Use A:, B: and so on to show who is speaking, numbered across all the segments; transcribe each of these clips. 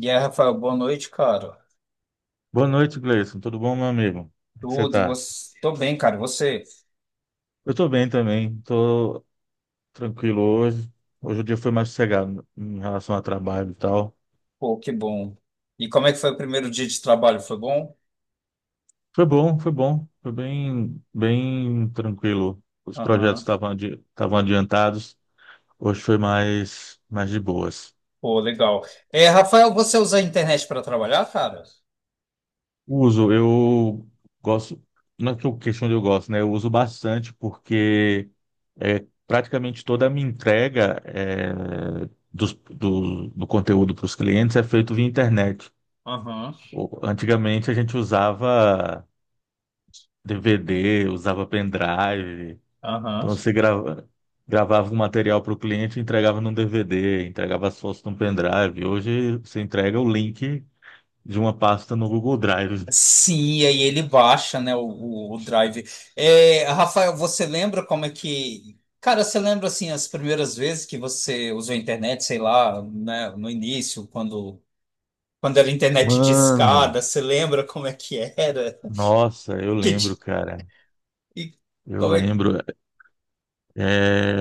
A: E aí, Rafael, boa noite, cara.
B: Boa noite, Gleison. Tudo bom, meu amigo? Como é que você
A: Tudo, e
B: tá?
A: você? Tô bem, cara. E você?
B: Eu tô bem também, tô tranquilo hoje. Hoje o dia foi mais sossegado em relação ao trabalho e tal.
A: Pô, que bom. E como é que foi o primeiro dia de trabalho? Foi bom?
B: Foi bom, foi bom. Foi bem, bem tranquilo. Os projetos
A: Aham.
B: estavam adiantados. Hoje foi mais de boas.
A: Pô, legal. É, Rafael, você usa a internet para trabalhar, cara?
B: Uso, eu gosto, não é que eu questão de eu gosto, né? Eu uso bastante porque é, praticamente toda a minha entrega do conteúdo para os clientes é feito via internet.
A: Aham,
B: Antigamente a gente usava DVD, usava pendrive,
A: aham.
B: então gravava um material para o cliente e entregava num DVD, entregava as fotos num pendrive. Hoje você entrega o link de uma pasta no Google Drive.
A: Sim, e aí ele baixa, né, o drive. É, Rafael, você lembra como é que. Cara, você lembra, assim, as primeiras vezes que você usou a internet, sei lá, né, no início, quando, era internet
B: Mano!
A: discada, você lembra como é que era?
B: Nossa, eu
A: Que.
B: lembro, cara.
A: E
B: Eu
A: como é que.
B: lembro. É,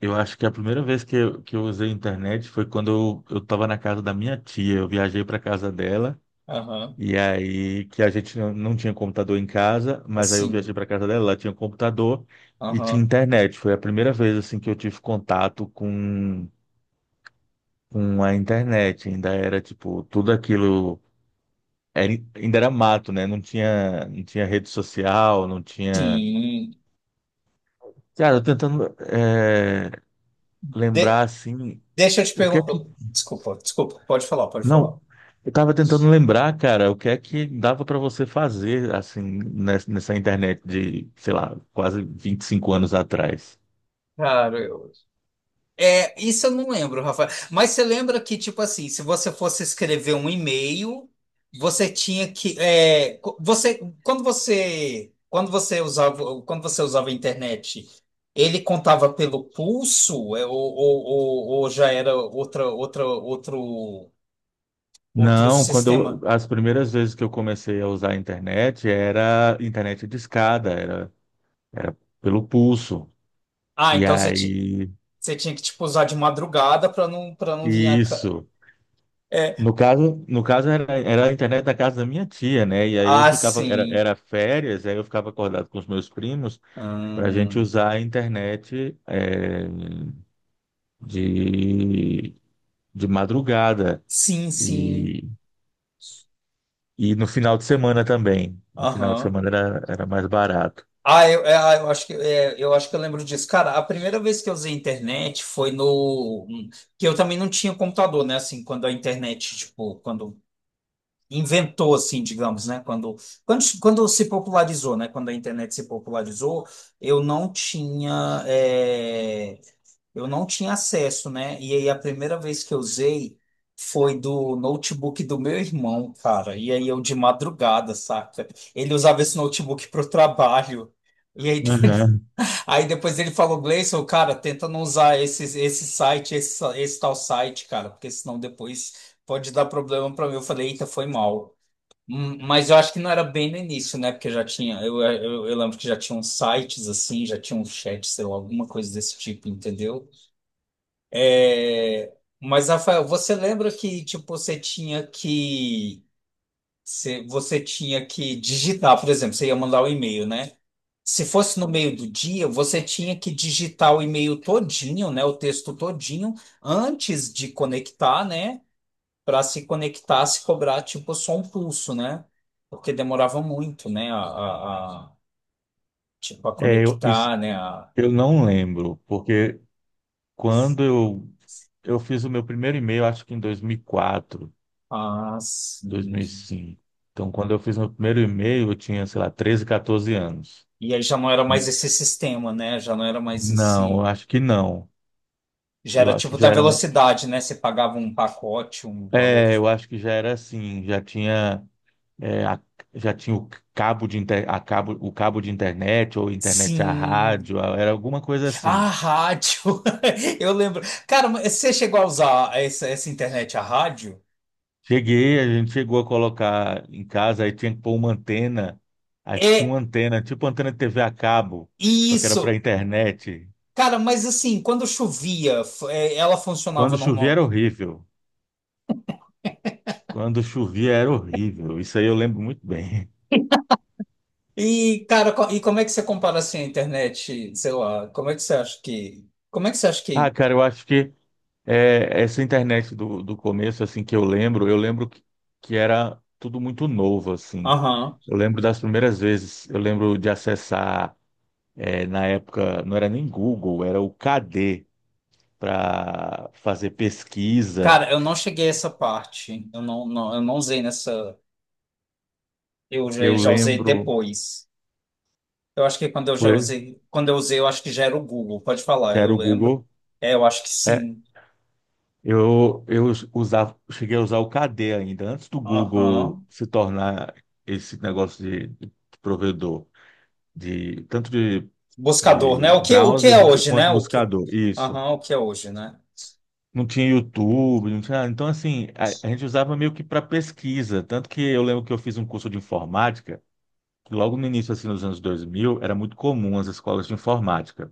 B: Eu acho que a primeira vez que eu usei internet foi quando eu estava na casa da minha tia. Eu viajei para casa dela
A: Aham.
B: e aí que a gente não tinha computador em casa, mas aí eu viajei
A: Assim.
B: para casa dela, ela tinha um computador e tinha
A: Aham.
B: internet. Foi a primeira vez assim que eu tive contato com a internet. Ainda era tipo tudo aquilo ainda era mato, né? Não tinha não tinha rede social, não tinha.
A: Sim.
B: Cara, eu tentando é, lembrar
A: De-
B: assim,
A: Deixa eu te
B: o que é
A: perguntar.
B: que.
A: Desculpa, desculpa. Pode falar, pode
B: Não,
A: falar.
B: eu tava tentando lembrar, cara, o que é que dava para você fazer assim nessa internet de, sei lá, quase 25 anos atrás.
A: Cara, eu. É, isso eu não lembro, Rafael. Mas você lembra que, tipo assim, se você fosse escrever um e-mail, você tinha que. É, você, quando você. Quando você usava a internet, ele contava pelo pulso, é, ou já era outro.
B: Não, quando eu, as primeiras vezes que eu comecei a usar a internet era internet discada, era pelo pulso.
A: Ah,
B: E
A: então você,
B: aí,
A: você tinha que tipo usar de madrugada para não vir a ca-.
B: isso.
A: É.
B: No caso era a internet da casa da minha tia, né? E aí eu
A: Ah,
B: ficava,
A: sim.
B: era férias, aí eu ficava acordado com os meus primos para a gente
A: Hum.
B: usar a internet de, de madrugada
A: Sim, sim.
B: e, e no final de semana também. No final de
A: Aham.
B: semana era mais barato.
A: Ah, eu, é, ah, eu acho que é, eu acho que eu lembro disso. Cara, a primeira vez que eu usei internet foi no que eu também não tinha computador, né? Assim, quando a internet, tipo, quando inventou assim, digamos, né? Quando se popularizou, né? Quando a internet se popularizou, eu não tinha. É, eu não tinha acesso, né? E aí a primeira vez que eu usei foi do notebook do meu irmão, cara. E aí eu de madrugada, saca? Ele usava esse notebook pro trabalho. E aí,
B: Uhum.
A: aí depois ele falou, Gleison, cara, tenta não usar esse, esse tal site, cara, porque senão depois pode dar problema pra mim. Eu falei, eita, foi mal. Mas eu acho que não era bem no início, né? Porque já tinha, eu lembro que já tinham sites assim, já tinha um chat, sei lá, alguma coisa desse tipo, entendeu? É, mas, Rafael, você lembra que, tipo, você tinha que... Você tinha que digitar, por exemplo, você ia mandar um e-mail, né? Se fosse no meio do dia, você tinha que digitar o e-mail todinho, né? O texto todinho, antes de conectar, né? Para se conectar, se cobrar, tipo, só um pulso, né? Porque demorava muito, né? Tipo, a
B: É, eu, isso,
A: conectar, né?
B: eu não lembro, porque quando eu, eu fiz o meu primeiro e-mail, acho que em dois mil e quatro,
A: As-
B: 2005. Então, quando eu fiz meu primeiro e-mail, eu tinha, sei lá, 13, 14 anos.
A: E aí já não era mais
B: N-
A: esse sistema, né? Já não era mais
B: Não,
A: esse.
B: eu acho que não.
A: Já
B: Eu
A: era
B: acho
A: tipo
B: que
A: da
B: já era um...
A: velocidade, né? Você pagava um pacote, um valor.
B: É, eu acho que já era assim, já tinha, é, a- já tinha o cabo de inter... a cabo... o cabo de internet ou internet à
A: Sim.
B: rádio, era alguma coisa
A: A
B: assim.
A: rádio. Eu lembro. Cara, mas você chegou a usar essa internet a rádio?
B: Cheguei, a gente chegou a colocar em casa, aí tinha que pôr uma antena, aí tinha
A: É
B: uma antena, tipo antena de TV a cabo, só que era para
A: isso.
B: internet.
A: Cara, mas assim, quando chovia, ela funcionava
B: Quando chovia era
A: normal.
B: horrível. Quando chovia era horrível. Isso aí eu lembro muito bem.
A: E, cara, e como é que você compara assim a internet? Sei lá, como é que você acha que. Como é que você acha
B: Ah,
A: que.
B: cara, eu acho que essa internet do começo, assim, que eu lembro que era tudo muito novo, assim.
A: Aham.
B: Eu lembro das primeiras vezes, eu lembro de acessar, na época, não era nem Google, era o KD para fazer pesquisa.
A: Cara, eu não cheguei a essa parte. Eu não usei nessa. Eu já,
B: Eu
A: já usei
B: lembro,
A: depois. Eu acho que quando eu já
B: foi,
A: usei, quando eu usei, eu acho que já era o Google. Pode falar,
B: já
A: eu
B: era o
A: lembro.
B: Google.
A: É, eu acho que
B: É,
A: sim.
B: eu usava, cheguei a usar o KD ainda, antes do Google
A: Aham.
B: se tornar esse negócio de provedor, de, tanto de,
A: Buscador, né?
B: de
A: O que
B: browser
A: é
B: de-
A: hoje, né?
B: quanto
A: O que,
B: buscador. Isso.
A: aham, o que é hoje, né?
B: Não tinha YouTube, não tinha. Então, assim, a gente usava meio que para pesquisa. Tanto que eu lembro que eu fiz um curso de informática, que logo no início, assim, nos anos 2000 era muito comum as escolas de informática.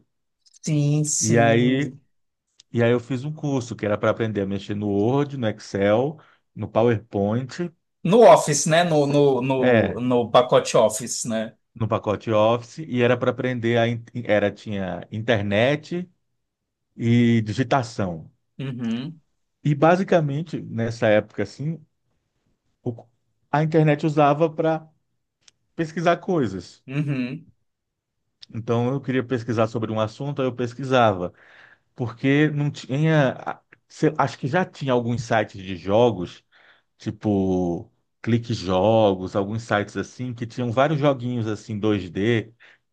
A: Sim,
B: E aí,
A: sim.
B: e aí eu fiz um curso que era para aprender a mexer no Word, no Excel, no PowerPoint.
A: No Office, né? No, no, no,
B: É,
A: no pacote Office, né?
B: no pacote Office e era para aprender a in- era tinha internet e digitação.
A: Uhum,
B: E basicamente nessa época assim, o- a internet usava para pesquisar coisas.
A: uhum.
B: Então eu queria pesquisar sobre um assunto, aí eu pesquisava, porque não tinha, acho que já tinha alguns sites de jogos tipo Clique Jogos, alguns sites assim que tinham vários joguinhos assim 2D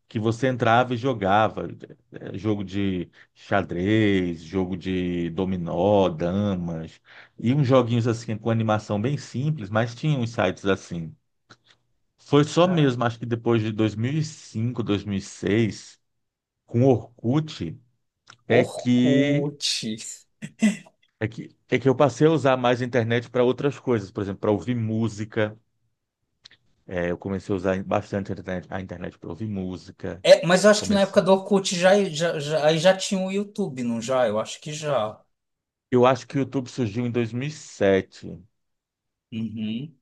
B: que você entrava e jogava. Jogo de xadrez, jogo de dominó, damas, e uns joguinhos assim com animação bem simples, mas tinha uns sites assim. Foi só
A: Ah,
B: mesmo, acho que depois de 2005, 2006, com Orkut, é que
A: Orkut.
B: é que eu passei a usar mais a internet para outras coisas, por exemplo, para ouvir música. É, eu comecei a usar bastante a internet para ouvir música.
A: É, mas eu acho que na época
B: Comecei.
A: do Orkut já, aí já tinha o YouTube, não já? Eu acho que já.
B: Eu acho que o YouTube surgiu em 2007.
A: Uhum.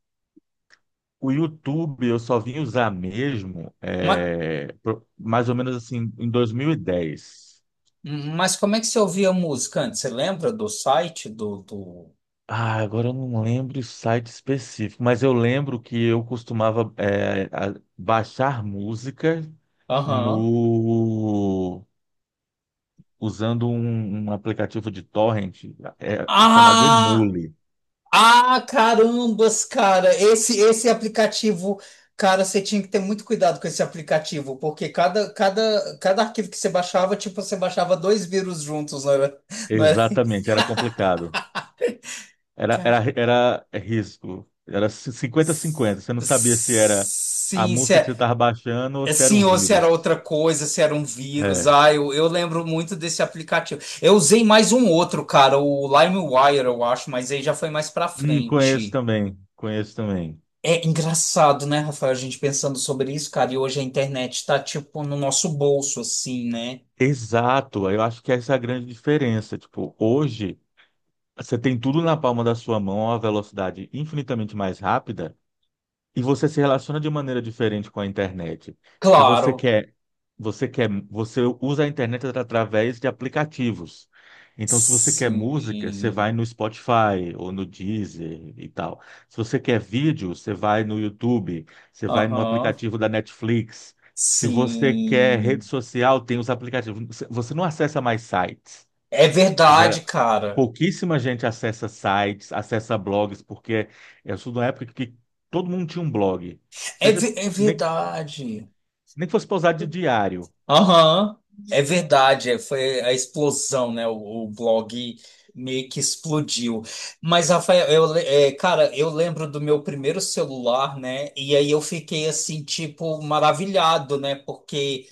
B: O YouTube eu só vim usar mesmo
A: Mas,
B: mais ou menos assim em 2010.
A: mas como é que você ouvia música antes? Você lembra do site do...
B: Ah, agora eu não lembro o site específico, mas eu lembro que eu costumava baixar música
A: Aham.
B: no usando um aplicativo de torrent chamado
A: Ah,
B: Emule.
A: ah, carambas, cara. Esse aplicativo, cara, você tinha que ter muito cuidado com esse aplicativo, porque cada arquivo que você baixava, tipo, você baixava dois vírus juntos, não era? Não era?
B: Exatamente, era complicado. Era,
A: Cara,
B: era, era é risco. Era 50,
A: s-
B: cinquenta. Você não
A: s-
B: sabia se era a
A: sim.
B: música que você estava baixando ou se era um
A: Assim, ou se era
B: vírus.
A: outra coisa, se era um vírus.
B: É.
A: Ah, eu lembro muito desse aplicativo. Eu usei mais um outro, cara, o LimeWire, eu acho, mas aí já foi mais pra
B: Conheço
A: frente.
B: também. Conheço também.
A: É engraçado, né, Rafael, a gente pensando sobre isso, cara, e hoje a internet tá, tipo, no nosso bolso, assim, né?
B: Exato. Eu acho que essa é a grande diferença. Tipo, hoje, você tem tudo na palma da sua mão a uma velocidade infinitamente mais rápida. E você se relaciona de maneira diferente com a internet. Se você
A: Claro.
B: quer, você quer, você usa a internet através de aplicativos. Então, se você quer música, você
A: Sim.
B: vai no Spotify ou no Deezer e tal. Se você quer vídeo, você vai no YouTube, você vai no
A: Aham.
B: aplicativo da Netflix. Se você quer rede
A: Sim.
B: social, tem os aplicativos. Você não acessa mais sites.
A: É verdade, cara.
B: Pouquíssima gente acessa sites, acessa blogs, porque eu sou de uma época que todo mundo tinha um blog.
A: É,
B: Seja,
A: ve- é
B: nem,
A: verdade.
B: nem que fosse para usar de diário.
A: Aham, é verdade, é, foi a explosão, né? O blog meio que explodiu. Mas, Rafael, cara, eu lembro do meu primeiro celular, né? E aí eu fiquei assim, tipo, maravilhado, né? Porque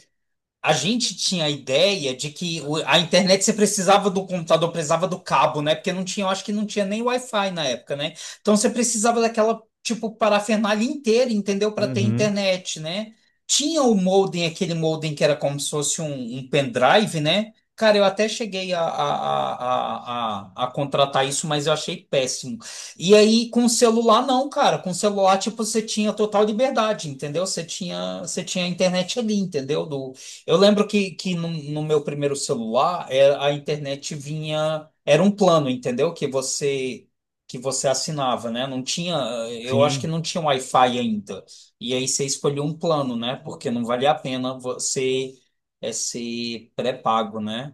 A: a gente tinha a ideia de que a internet você precisava do computador, precisava do cabo, né? Porque não tinha, eu acho que não tinha nem Wi-Fi na época, né? Então você precisava daquela, tipo, parafernália inteira, entendeu? Para ter
B: Uhum,
A: internet, né? Tinha o modem, aquele modem que era como se fosse um pendrive, né? Cara, eu até cheguei a contratar isso, mas eu achei péssimo. E aí, com o celular, não, cara. Com o celular, tipo, você tinha total liberdade, entendeu? Você tinha a internet ali, entendeu? Do, eu lembro que no meu primeiro celular a internet vinha, era um plano, entendeu? Que você assinava, né? Não tinha, eu acho que
B: sim.
A: não tinha Wi-Fi ainda. E aí você escolheu um plano, né? Porque não valia a pena você ser pré-pago, né?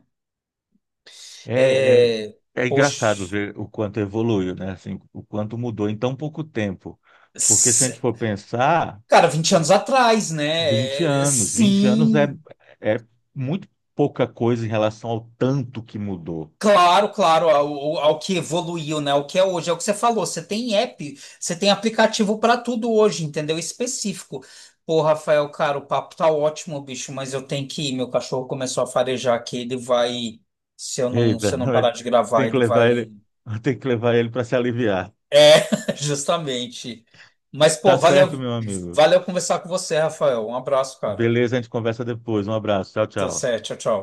B: É, é,
A: É,
B: é engraçado
A: poxa,
B: ver o quanto evoluiu, né? Assim, o quanto mudou em tão pouco tempo. Porque se a
A: s-
B: gente for pensar,
A: cara, 20
B: tipo,
A: anos atrás, né? É,
B: 20 anos
A: sim.
B: é muito pouca coisa em relação ao tanto que mudou.
A: Claro, claro, ao que evoluiu, né? O que é hoje, é o que você falou. Você tem app, você tem aplicativo para tudo hoje, entendeu? Específico. Pô, Rafael, cara, o papo tá ótimo, bicho, mas eu tenho que ir. Meu cachorro começou a farejar aqui, ele vai. Se eu não, se
B: Eita,
A: eu não
B: não é-
A: parar de gravar,
B: tem que
A: ele
B: levar
A: vai.
B: ele, tem que levar ele para se aliviar.
A: É, justamente. Mas, pô,
B: Tá certo,
A: valeu,
B: meu amigo.
A: valeu conversar com você, Rafael. Um abraço, cara.
B: Beleza, a gente conversa depois. Um abraço. Tchau,
A: Tá
B: tchau.
A: certo, tchau, tchau.